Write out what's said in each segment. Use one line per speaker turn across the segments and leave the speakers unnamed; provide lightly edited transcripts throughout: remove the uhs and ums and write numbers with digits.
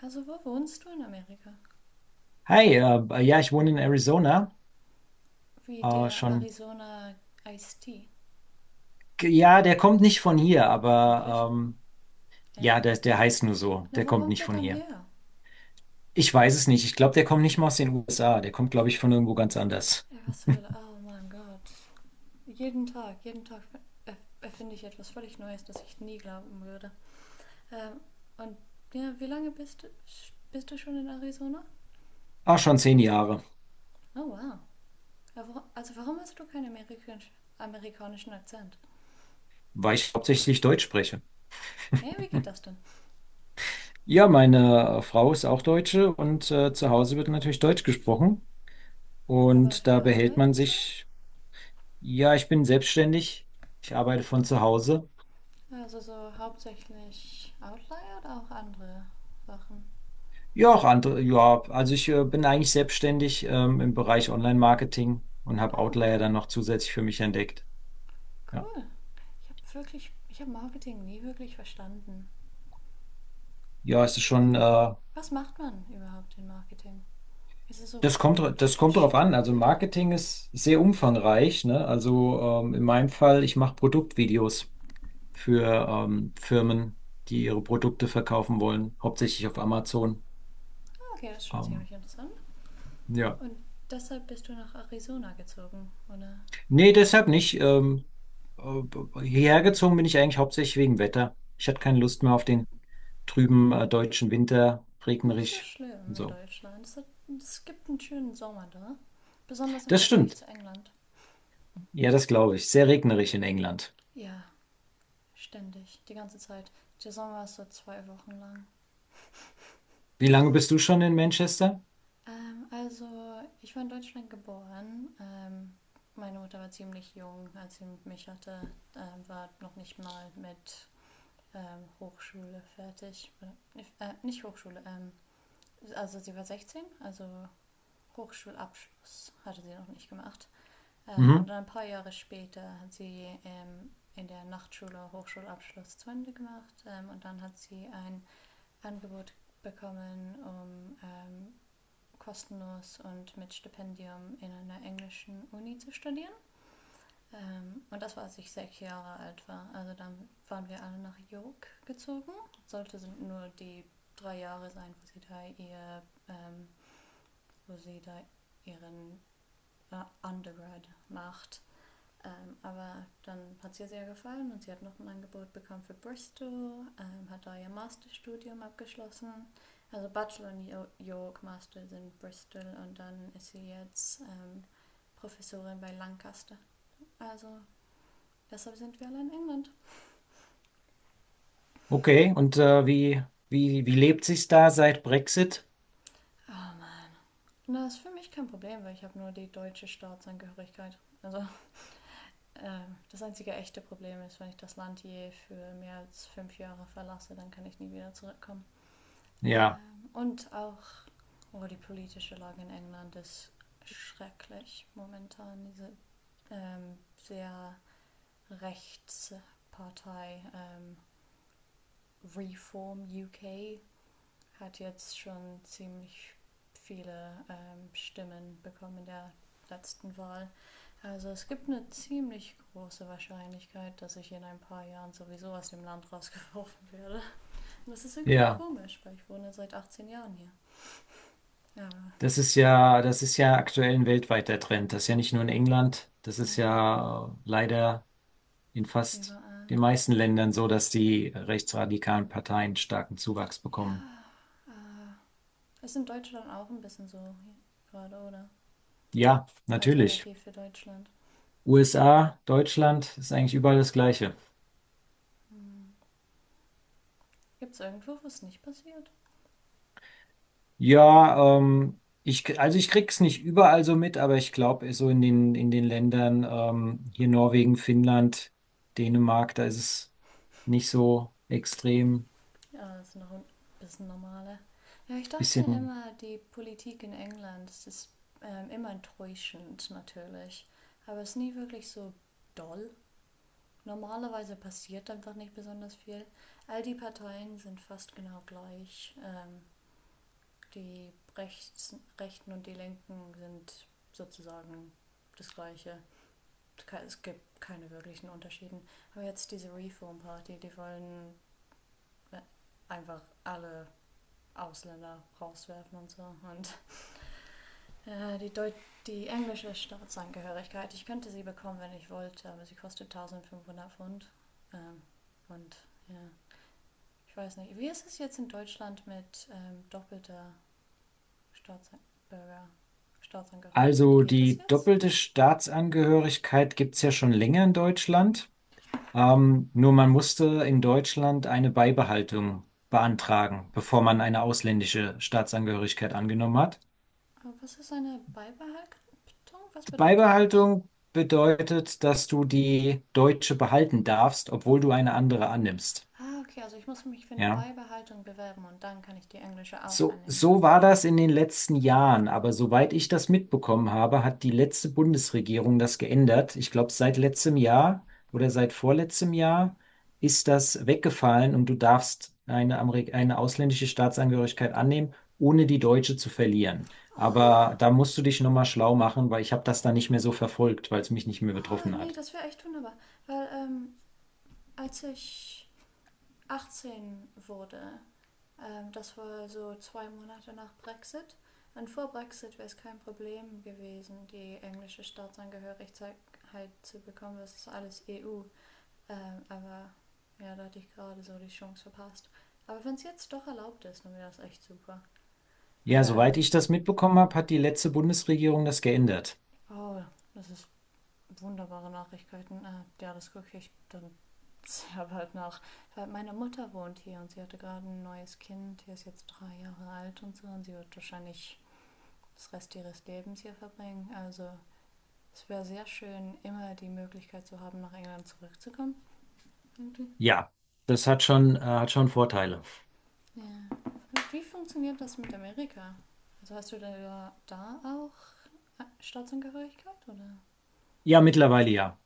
Also wo wohnst du in Amerika?
Hi, ja, ich wohne in Arizona.
Wie
Äh,
der
schon,
Arizona Ice Tea.
ja, der kommt nicht von hier,
Wirklich?
aber
Ja?
ja, der heißt nur so.
Na,
Der
wo
kommt
kommt
nicht
der
von
dann
hier.
her?
Ich weiß es nicht. Ich glaube, der kommt nicht mal aus den USA. Der kommt, glaube ich, von irgendwo ganz anders.
Ja, was zur Hölle? Oh mein Gott. Jeden Tag erfinde ich etwas völlig Neues, das ich nie glauben würde. Ähm, und ja, wie lange bist du schon in Arizona?
Ah, schon 10 Jahre,
Oh wow. Ja, also warum hast du keinen amerikanisch, amerikanischen Akzent?
weil ich hauptsächlich Deutsch spreche.
Hey, wie geht das denn?
Ja, meine Frau ist auch Deutsche und zu Hause wird natürlich Deutsch gesprochen.
Aber auf
Und da
der
behält
Arbeit
man
und so?
sich, ja, ich bin selbstständig. Ich arbeite von zu Hause.
Also so hauptsächlich Outlier oder auch andere Sachen?
Ja, auch andere, ja, also ich bin eigentlich selbstständig, im Bereich Online-Marketing und habe
Oh,
Outlier dann noch zusätzlich für mich entdeckt. Ja,
cool. Ich habe Marketing nie wirklich verstanden. Ja.
ja, es ist schon,
Was macht man überhaupt in Marketing? Ist es so
das kommt drauf
schicke
an. Also
Bilder?
Marketing ist sehr umfangreich, ne? Also in meinem Fall, ich mache Produktvideos für Firmen, die ihre Produkte verkaufen wollen, hauptsächlich auf Amazon.
Ah, okay, das ist schon
Ähm,
ziemlich interessant.
ja.
Und deshalb bist du nach Arizona gezogen, oder?
Nee, deshalb nicht. Äh, Hierher gezogen bin ich eigentlich hauptsächlich wegen Wetter. Ich hatte keine Lust mehr auf den trüben deutschen Winter,
Nicht so
regnerisch
schlimm
und
in
so.
Deutschland. Es gibt einen schönen Sommer da. Besonders im
Das
Vergleich
stimmt.
zu England.
Ja, das glaube ich. Sehr regnerisch in England.
Ja, ständig, die ganze Zeit. Der Sommer ist so zwei Wochen lang.
Wie lange bist du schon in Manchester?
Also, ich war in Deutschland geboren. Meine Mutter war ziemlich jung, als sie mich hatte. War noch nicht mal mit Hochschule fertig. Oder, nicht Hochschule, also sie war 16, also Hochschulabschluss hatte sie noch nicht gemacht. Und
Mhm.
dann ein paar Jahre später hat sie in der Nachtschule Hochschulabschluss zu Ende gemacht, und dann hat sie ein Angebot bekommen, um kostenlos und mit Stipendium in einer englischen Uni zu studieren. Und das war, als ich sechs Jahre alt war. Also dann waren wir alle nach York gezogen. Sollte sind nur die drei Jahre sein, wo ähm, wo sie da ihren Undergrad macht. Aber dann hat es ihr sehr gefallen und sie hat noch ein Angebot bekommen für Bristol, hat da ihr Masterstudium abgeschlossen. Also Bachelor und York, Master sind Bristol, und dann ist sie jetzt Professorin bei Lancaster. Also deshalb sind wir alle in England.
Okay, und wie lebt sich's da seit Brexit?
Oh Mann. Und das ist für mich kein Problem, weil ich habe nur die deutsche Staatsangehörigkeit. Also das einzige echte Problem ist, wenn ich das Land je für mehr als fünf Jahre verlasse, dann kann ich nie wieder zurückkommen.
Ja,
Und auch, oh, die politische Lage in England ist schrecklich momentan. Diese sehr Rechtspartei, Reform UK, hat jetzt schon ziemlich viele Stimmen bekommen in der letzten Wahl. Also es gibt eine ziemlich große Wahrscheinlichkeit, dass ich in ein paar Jahren sowieso aus dem Land rausgeworfen werde. Und das ist irgendwie
ja.
komisch, weil ich wohne seit 18 Jahren hier. Aber
Das ist ja aktuell ein weltweiter Trend. Das ist ja nicht nur in England. Das ist
ja,
ja leider in fast
überall.
den meisten Ländern so, dass die rechtsradikalen Parteien starken Zuwachs bekommen.
Ah, ist in Deutschland auch ein bisschen so gerade, oder?
Ja, natürlich.
Alternativ für Deutschland.
USA, Deutschland ist eigentlich überall das Gleiche.
Hm. Gibt es irgendwo, wo es nicht passiert?
Ja, also ich krieg's nicht überall so mit, aber ich glaube, so in den Ländern, hier Norwegen, Finnland, Dänemark, da ist es nicht so extrem.
Ja, das ist noch ein bisschen normaler. Ja, ich dachte
Bisschen.
immer, die Politik in England, das ist immer enttäuschend natürlich. Aber es ist nie wirklich so doll. Normalerweise passiert einfach nicht besonders viel. All die Parteien sind fast genau gleich. Die Rechten und die Linken sind sozusagen das Gleiche. Es gibt keine wirklichen Unterschieden. Aber jetzt diese Reform Party, die wollen äh, einfach alle Ausländer rauswerfen und so. Und äh, die, Deut die englische Staatsangehörigkeit, ich könnte sie bekommen, wenn ich wollte, aber sie kostet 1500 Pfund. Ähm, und ja, ich weiß nicht. Wie ist es jetzt in Deutschland mit Staatsbürger, Staatsangehörigkeit?
Also
Geht das
die
jetzt?
doppelte Staatsangehörigkeit gibt es ja schon länger in Deutschland. Nur man musste in Deutschland eine Beibehaltung beantragen, bevor man eine ausländische Staatsangehörigkeit angenommen hat.
Was ist eine Beibehaltung? Was bedeutet das?
Beibehaltung bedeutet, dass du die deutsche behalten darfst, obwohl du eine andere annimmst.
Ah, okay, also ich muss mich für eine
Ja.
Beibehaltung bewerben und dann kann ich die englische auch
So,
annehmen.
so war das in den letzten Jahren, aber soweit ich das mitbekommen habe, hat die letzte Bundesregierung das geändert. Ich glaube, seit letztem Jahr oder seit vorletztem Jahr ist das weggefallen und du darfst eine ausländische Staatsangehörigkeit annehmen, ohne die deutsche zu verlieren. Aber
Oh,
da musst du dich nochmal schlau machen, weil ich habe das dann nicht mehr so verfolgt, weil es mich nicht mehr
oh
betroffen
nee,
hat.
das wäre echt wunderbar. Weil als ich 18 wurde, das war so zwei Monate nach Brexit. Und vor Brexit wäre es kein Problem gewesen, die englische Staatsangehörigkeit halt zu bekommen. Das ist alles EU. Aber ja, da hatte ich gerade so die Chance verpasst. Aber wenn es jetzt doch erlaubt ist, dann wäre das echt super.
Ja,
Weil,
soweit ich das mitbekommen habe, hat die letzte Bundesregierung das geändert.
oh, das ist wunderbare Nachrichten. Ja, das gucke ich dann sehr bald nach. Weil meine Mutter wohnt hier und sie hatte gerade ein neues Kind. Die ist jetzt drei Jahre alt und so, und sie wird wahrscheinlich das Rest ihres Lebens hier verbringen. Also es wäre sehr schön, immer die Möglichkeit zu haben, nach England zurückzukommen. Irgendwie.
Ja, das hat schon Vorteile.
Ja. Wie funktioniert das mit Amerika? Also hast du da auch Staatsangehörigkeit oder?
Ja, mittlerweile ja.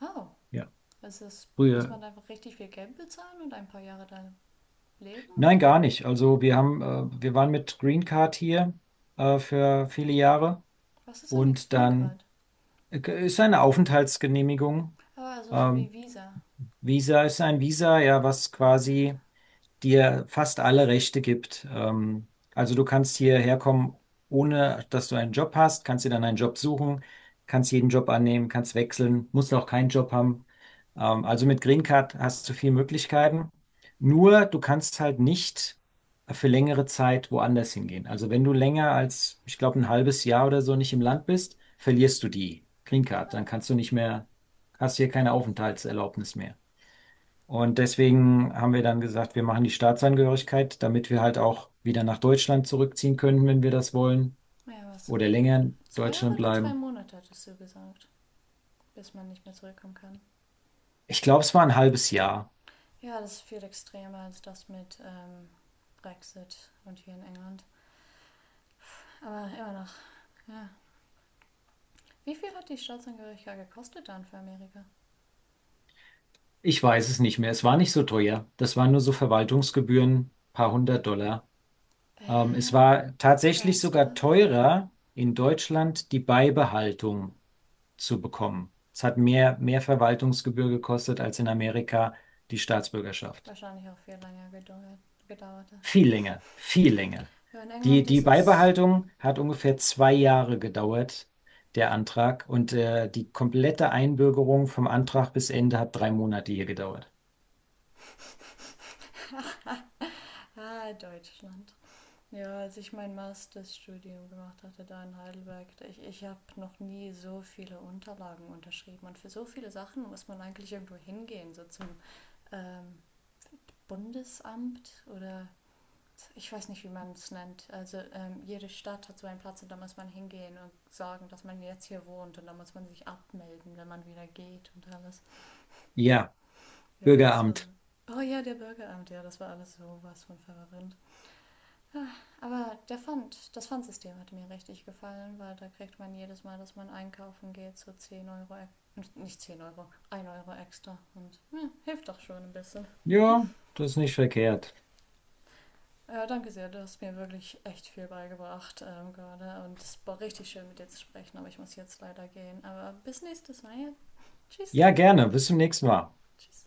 Oh,
Ja.
ist es, muss man
Früher.
da einfach richtig viel Geld bezahlen und ein paar Jahre da leben
Nein,
oder?
gar nicht. Also wir waren mit Green Card hier für viele Jahre
Was ist eine
und
Green
dann
Card?
ist eine Aufenthaltsgenehmigung.
Ah, also so wie
Ähm,
Visa.
Visa ist ein Visa, ja, was quasi dir fast alle Rechte gibt. Also du kannst hierher kommen, ohne dass du einen Job hast, kannst dir dann einen Job suchen, kannst jeden Job annehmen, kannst wechseln, musst auch keinen Job haben. Also mit Green Card hast du viele Möglichkeiten. Nur du kannst halt nicht für längere Zeit woanders hingehen. Also wenn du länger als, ich glaube, ein halbes Jahr oder so nicht im Land bist, verlierst du die Green Card.
Hm.
Dann kannst du nicht mehr, hast hier keine Aufenthaltserlaubnis mehr. Und deswegen haben wir dann gesagt, wir machen die Staatsangehörigkeit, damit wir halt auch wieder nach Deutschland zurückziehen können, wenn wir das wollen,
Ja, was so
oder länger in
zwei Jahre
Deutschland
oder zwei
bleiben.
Monate hattest du gesagt, bis man nicht mehr zurückkommen kann.
Ich glaube, es war ein halbes Jahr.
Ja, das ist viel extremer als das mit Brexit und hier in England. Aber immer noch, ja. Wie viel hat die Staatsangehörigkeit gekostet dann für Amerika?
Ich weiß es nicht mehr. Es war nicht so teuer. Das waren nur so Verwaltungsgebühren, paar hundert Dollar. Es
Äh,
war tatsächlich sogar
ernsthaft?
teurer, in Deutschland die Beibehaltung zu bekommen. Es hat mehr Verwaltungsgebühr gekostet als in Amerika die Staatsbürgerschaft.
Wahrscheinlich auch gedauert.
Viel länger, viel länger.
Ja, in
Die,
England
die
ist es.
Beibehaltung hat ungefähr 2 Jahre gedauert, der Antrag. Und die komplette Einbürgerung vom Antrag bis Ende hat 3 Monate hier gedauert.
Ah, ah, Deutschland. Ja, als ich mein Masterstudium gemacht hatte da in Heidelberg, ich habe noch nie so viele Unterlagen unterschrieben. Und für so viele Sachen muss man eigentlich irgendwo hingehen, so zum ähm, Bundesamt oder ich weiß nicht, wie man es nennt. Also jede Stadt hat so einen Platz und da muss man hingehen und sagen, dass man jetzt hier wohnt, und da muss man sich abmelden, wenn man wieder geht, und alles.
Ja,
Ja, das war so.
Bürgeramt.
Oh ja, der Bürgeramt, ja, das war alles sowas von verwirrend. Aber der Pfand, das Pfandsystem hat mir richtig gefallen, weil da kriegt man jedes Mal, dass man einkaufen geht, so nicht 10 Euro, ein Euro extra. Und ja, hilft doch schon ein bisschen.
Ja, das ist nicht verkehrt.
Danke sehr, du hast mir wirklich echt viel beigebracht gerade. Und es war richtig schön mit dir zu sprechen, aber ich muss jetzt leider gehen. Aber bis nächstes Mal. Ja. Tschüss.
Ja, gerne. Bis zum nächsten Mal.
Tschüss.